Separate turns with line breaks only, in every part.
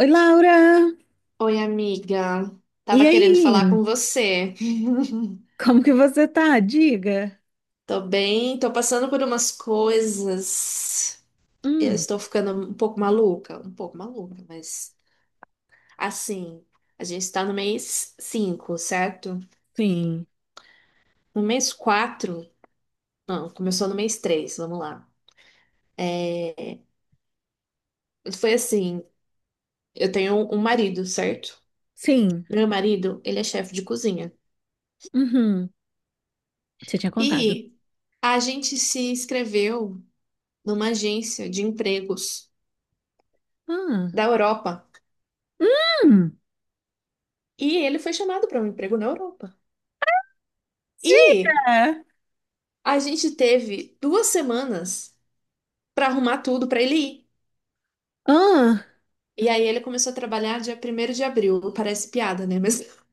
Oi, Laura!
Oi, amiga.
E
Tava querendo falar
aí?
com você.
Como que você tá? Diga.
Tô bem, tô passando por umas coisas. Eu
Hum,
estou ficando um pouco maluca, mas assim, a gente tá no mês 5, certo?
sim,
No mês 4? Não, começou no mês 3. Vamos lá. Foi assim, eu tenho um marido, certo?
sim.
Meu marido, ele é chefe de cozinha.
Uhum. Você tinha contado.
E a gente se inscreveu numa agência de empregos
Ah.
da Europa.
Hum,
E ele foi chamado para um emprego na Europa. E
diga!
a gente teve 2 semanas para arrumar tudo para ele ir.
Ah.
E aí ele começou a trabalhar dia 1º de abril. Parece piada, né? Mas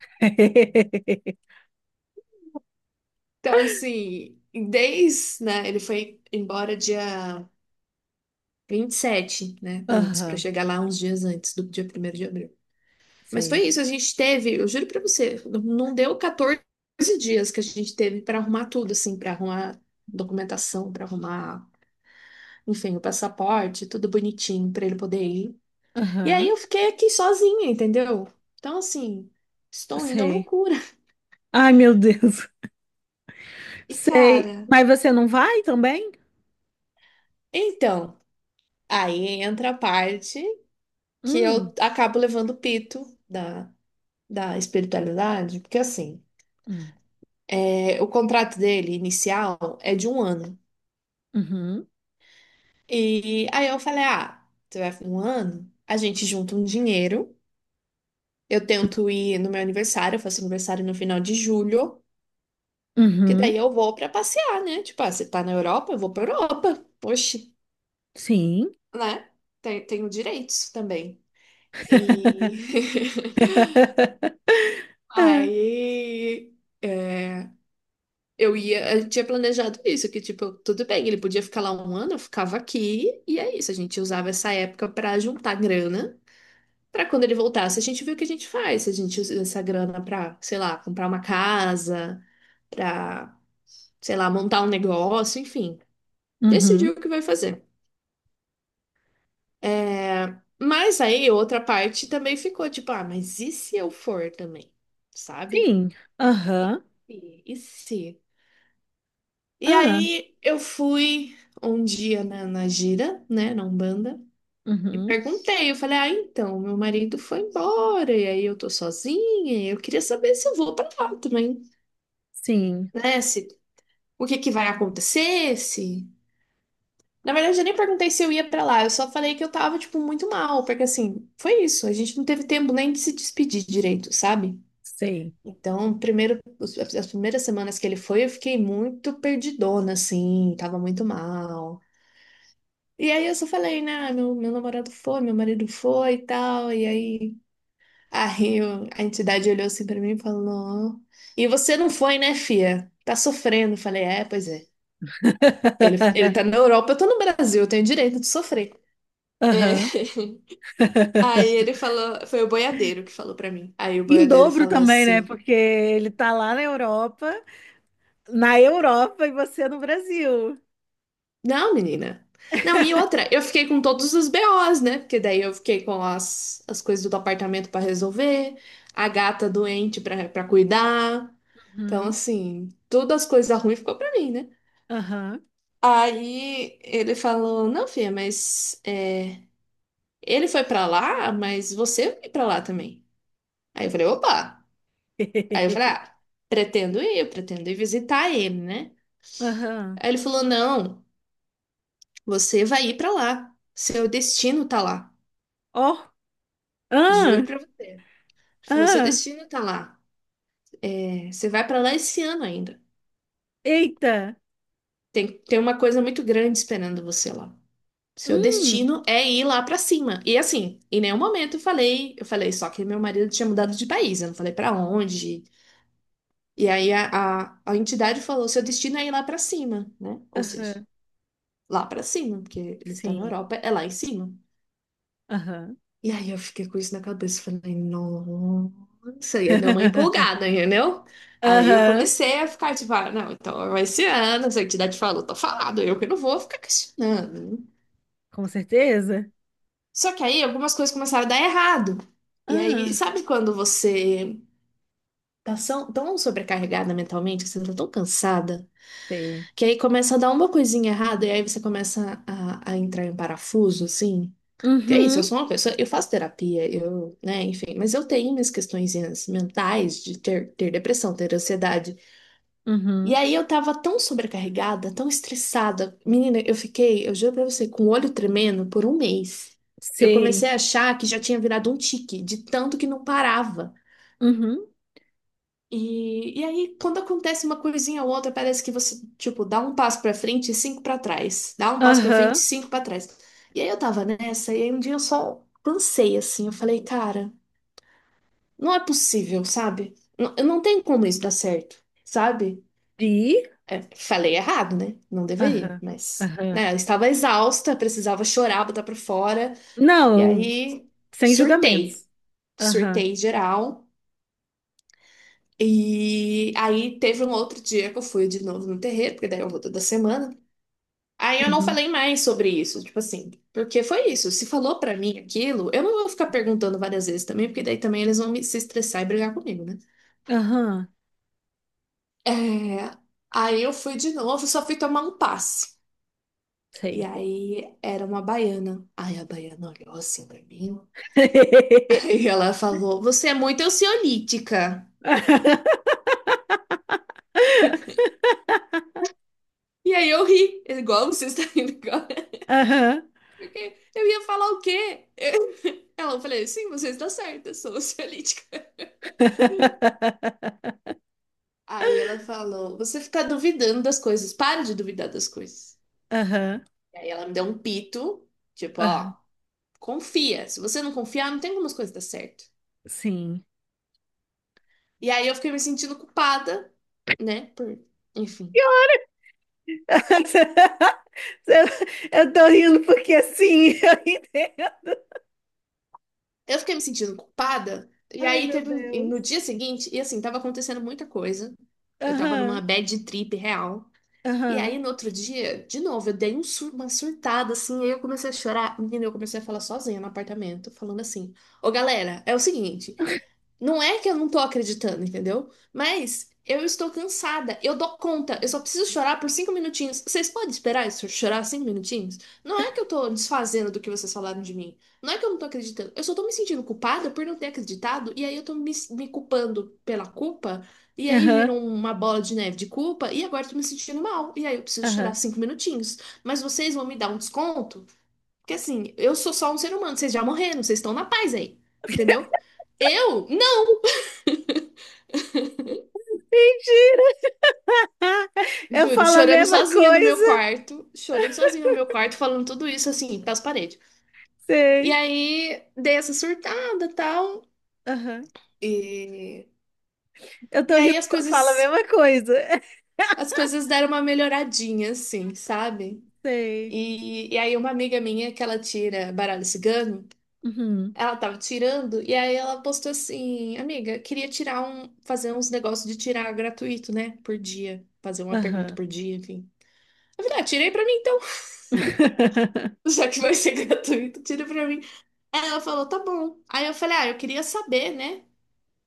então assim, desde, né, ele foi embora dia 27, né, antes para
Aham,
chegar lá uns dias antes do dia 1º de abril. Mas foi
sei.
isso, a gente teve, eu juro para você, não deu 14 dias que a gente teve para arrumar tudo assim, para arrumar documentação, para arrumar enfim, o passaporte, tudo bonitinho pra ele poder ir. E aí
Aham,
eu fiquei aqui sozinha, entendeu? Então, assim, estou indo à
sei.
loucura.
Ai, meu Deus.
E
Sei.
cara,
Mas você não vai também?
então, aí entra a parte que eu
Hum,
acabo levando o pito da, da espiritualidade, porque assim,
hum,
é, o contrato dele inicial é de um ano.
uhum,
E aí eu falei, ah, você vai um ano, a gente junta um dinheiro, eu tento ir no meu aniversário, eu faço aniversário no final de julho, que
uhum,
daí eu vou pra passear, né? Tipo, ah, você tá na Europa, eu vou pra Europa. Oxe,
sim.
né? Tenho direitos também. E
Ah,
aí é, eu ia, a gente tinha planejado isso, que tipo, tudo bem, ele podia ficar lá um ano, eu ficava aqui, e é isso, a gente usava essa época pra juntar grana, pra quando ele voltasse, a gente viu o que a gente faz, se a gente usa essa grana pra, sei lá, comprar uma casa, pra, sei lá, montar um negócio, enfim,
uhum,
decidiu o que vai fazer. Mas aí outra parte também ficou tipo, ah, mas e se eu for também? Sabe?
sim.
E
Aham.
se? E se? E
Ah,
aí eu fui um dia na gira, né, na Umbanda, e
uhum.
perguntei, eu falei, ah, então, meu marido foi embora, e aí eu tô sozinha, e eu queria saber se eu vou pra lá também,
Sim,
né? Se, o que que vai acontecer, se... Na verdade, eu nem perguntei se eu ia pra lá, eu só falei que eu tava, tipo, muito mal, porque assim, foi isso, a gente não teve tempo nem de se despedir direito, sabe?
sei.
Então, primeiro, as primeiras semanas que ele foi, eu fiquei muito perdidona, assim, tava muito mal. E aí eu só falei, né, meu namorado foi, meu marido foi e tal. E aí, a entidade olhou assim pra mim e falou: "Não. E você não foi, né, fia? Tá sofrendo." Eu falei, é, pois é. Ele tá na Europa, eu tô no Brasil, eu tenho direito de sofrer. É.
Aham.
Aí ele falou, foi o boiadeiro que falou pra mim. Aí o
Em
boiadeiro
dobro
falou
também, né?
assim.
Porque ele tá lá na Europa e você no Brasil.
Não, menina. Não, e outra, eu fiquei com todos os BOs, né? Porque daí eu fiquei com as coisas do apartamento pra resolver, a gata doente pra para cuidar. Então,
Uhum.
assim, todas as coisas ruins ficou pra mim, né?
Aham.
Aí ele falou: "Não, filha, mas é, ele foi pra lá, mas você vai pra lá também." Aí eu falei: "Opa!" Aí eu falei: "Ah, pretendo ir, eu pretendo ir visitar ele, né?"
Aham.
Aí ele falou: "Não, você vai ir pra lá. Seu destino tá lá."
Ó.
Juro
Ah,
pra você. Ele falou, seu
ah.
destino tá lá. É, você vai pra lá esse ano ainda.
Eita.
Tem uma coisa muito grande esperando você lá. Seu
Hum.
destino é ir lá pra cima. E assim, em nenhum momento eu falei só que meu marido tinha mudado de país, eu não falei pra onde. E aí a entidade falou, seu destino é ir lá pra cima, né? Ou seja,
Aham.
lá pra cima, porque ele está na
Sim.
Europa, é lá em cima.
Aham.
E aí eu fiquei com isso na cabeça, falei, nossa, ia dar uma empolgada, entendeu? Aí eu
Aham.
comecei a ficar tipo, ah, não, então vai esse ano, se a entidade falou, tá falado, eu que não vou ficar questionando, né?
Com certeza.
Só que aí algumas coisas começaram a dar errado. E aí,
Ah,
sabe quando você tá tão sobrecarregada mentalmente, que você tá tão cansada,
sei.
que aí começa a dar uma coisinha errada, e aí você começa a entrar em parafuso, assim? Que é isso, eu
Uhum.
sou uma pessoa, eu faço terapia, eu, né, enfim, mas eu tenho minhas questões mentais de ter depressão, ter ansiedade. E
Uhum.
aí eu tava tão sobrecarregada, tão estressada. Menina, eu fiquei, eu juro pra você, com o olho tremendo por um mês. Eu
Sei.
comecei a achar que já tinha virado um tique, de tanto que não parava.
Uhum.
E aí, quando acontece uma coisinha ou outra, parece que você, tipo, dá um passo pra frente e cinco pra trás. Dá um passo pra frente e
Aham.
cinco pra trás. E aí eu tava nessa, e aí um dia eu só cansei, assim. Eu falei, cara. Não é possível, sabe? Não, eu não tenho como isso dar certo, sabe?
E?
É, falei errado, né? Não deveria,
Aham,
mas,
aham.
né, eu estava exausta, precisava chorar, botar pra fora. E
Não,
aí,
sem
surtei.
julgamentos. Aham,
Surtei geral. E aí, teve um outro dia que eu fui de novo no terreiro, porque daí eu vou toda semana. Aí eu não
uhum,
falei mais sobre isso, tipo assim, porque foi isso. Se falou pra mim aquilo, eu não vou ficar perguntando várias vezes também, porque daí também eles vão se estressar e brigar comigo, né?
aham,
É, aí eu fui de novo, só fui tomar um passe. E
sei.
aí era uma baiana. Aí a baiana olhou assim pra mim. Aí ela falou: "Você é muito ansiolítica." E aí eu ri, igual você está rindo agora.
Aham,
Porque eu ia falar o quê? Ela eu falei: "Sim, você está certa, eu sou ansiolítica." Aí ela falou: "Você fica duvidando das coisas, para de duvidar das coisas."
aham,
E aí ela me deu um pito, tipo:
aham,
"Ó, confia. Se você não confiar, não tem como as coisas dar certo."
sim.
E aí eu fiquei me sentindo culpada, né? Por... Enfim.
Eu tô rindo porque assim, eu entendo.
Eu fiquei me sentindo culpada. E
Ai,
aí
meu
teve e no
Deus.
dia seguinte, e assim, tava acontecendo muita coisa. Eu tava numa
Aham,
bad trip real. E
aham,
aí no outro dia, de novo, eu dei um uma surtada assim, aí eu comecei a chorar. Menina, eu comecei a falar sozinha no apartamento, falando assim: "Ô galera, é o seguinte, não é que eu não tô acreditando, entendeu? Mas eu estou cansada, eu dou conta, eu só preciso chorar por cinco minutinhos. Vocês podem esperar isso, chorar cinco minutinhos? Não é que eu tô desfazendo do que vocês falaram de mim. Não é que eu não tô acreditando. Eu só tô me sentindo culpada por não ter acreditado, e aí eu tô me culpando pela culpa, e aí
aham,
vira uma bola de neve de culpa, e agora eu tô me sentindo mal, e aí eu preciso chorar
aham.
cinco minutinhos. Mas vocês vão me dar um desconto? Porque assim, eu sou só um ser humano, vocês já morreram, vocês estão na paz aí, entendeu? Eu?"
Mentira! Eu
Juro,
falo a
chorando
mesma
sozinha no meu
coisa.
quarto, chorando sozinha no meu quarto, falando tudo isso assim, pras paredes. E
Sei.
aí dei essa surtada, tal,
Aham.
e
Eu
e
tô
aí
rindo porque eu falo a mesma coisa.
as coisas deram uma melhoradinha assim, sabe?
Sei.
E aí uma amiga minha que ela tira baralho cigano,
Uhum.
ela tava tirando e aí ela postou assim: "Amiga, queria tirar fazer uns negócios de tirar gratuito, né, por dia, fazer uma pergunta
Aham.
por dia, enfim." Eu falei: "Ah, tirei pra mim então, já que vai ser gratuito, tira pra mim." Ela falou, tá bom. Aí eu falei, ah, eu queria saber, né?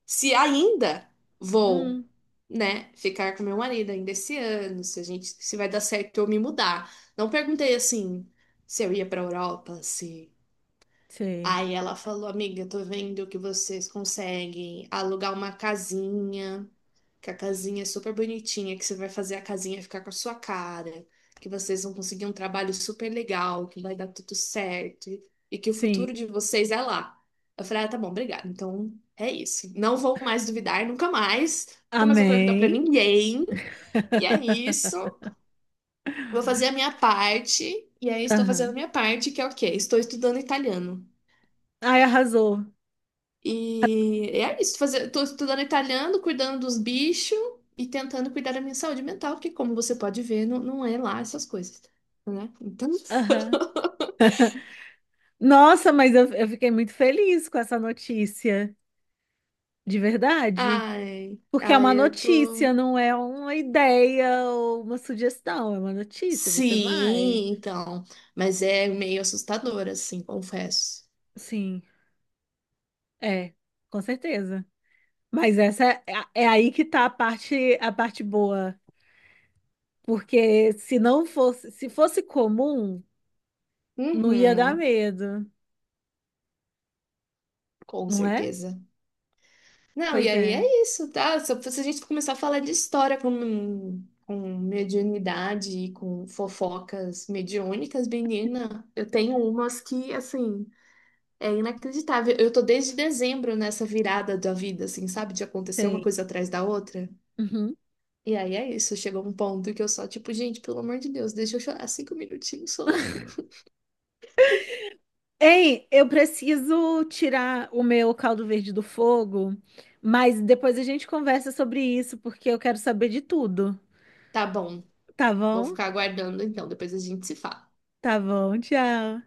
Se ainda vou,
Hum,
né, ficar com meu marido ainda esse ano, se a gente, se vai dar certo eu me mudar. Não perguntei assim se eu ia pra Europa, se.
sei.
Aí ela falou, amiga, tô vendo que vocês conseguem alugar uma casinha, que a casinha é super bonitinha, que você vai fazer a casinha ficar com a sua cara, que vocês vão conseguir um trabalho super legal, que vai dar tudo certo e que o
Sim.
futuro de vocês é lá. Eu falei, ah, tá bom, obrigada. Então é isso. Não vou mais duvidar, nunca mais. Nunca mais vou perguntar pra
Amém.
ninguém. E é isso. Vou fazer a minha parte. E aí estou fazendo a
Aham.
minha parte, que é o quê? Estou estudando italiano.
Ai, arrasou.
E é isso, fazer, tô estudando italiano, cuidando dos bichos e tentando cuidar da minha saúde mental, porque como você pode ver, não, não é lá essas coisas, né? Então,
Aham. Nossa, mas eu fiquei muito feliz com essa notícia. De verdade.
ai,
Porque é
ai,
uma
eu tô.
notícia, não é uma ideia ou uma sugestão, é uma notícia, você vai.
Sim, então, mas é meio assustador, assim, confesso.
Sim, é, com certeza. Mas é aí que tá a parte boa. Porque se fosse comum, não ia dar
Uhum,
medo,
com
não é?
certeza. Não, e
Pois
aí
é,
é isso, tá? Se a gente começar a falar de história com mediunidade e com fofocas mediúnicas, menina, eu tenho umas que, assim, é inacreditável. Eu tô desde dezembro nessa virada da vida, assim, sabe? De acontecer uma
tem.
coisa atrás da outra.
Uhum.
E aí é isso, chegou um ponto que eu só, tipo, gente, pelo amor de Deus, deixa eu chorar cinco minutinhos só.
Ei, eu preciso tirar o meu caldo verde do fogo, mas depois a gente conversa sobre isso, porque eu quero saber de tudo,
Tá bom,
tá
vou
bom?
ficar aguardando então, depois a gente se fala.
Tá bom, tchau.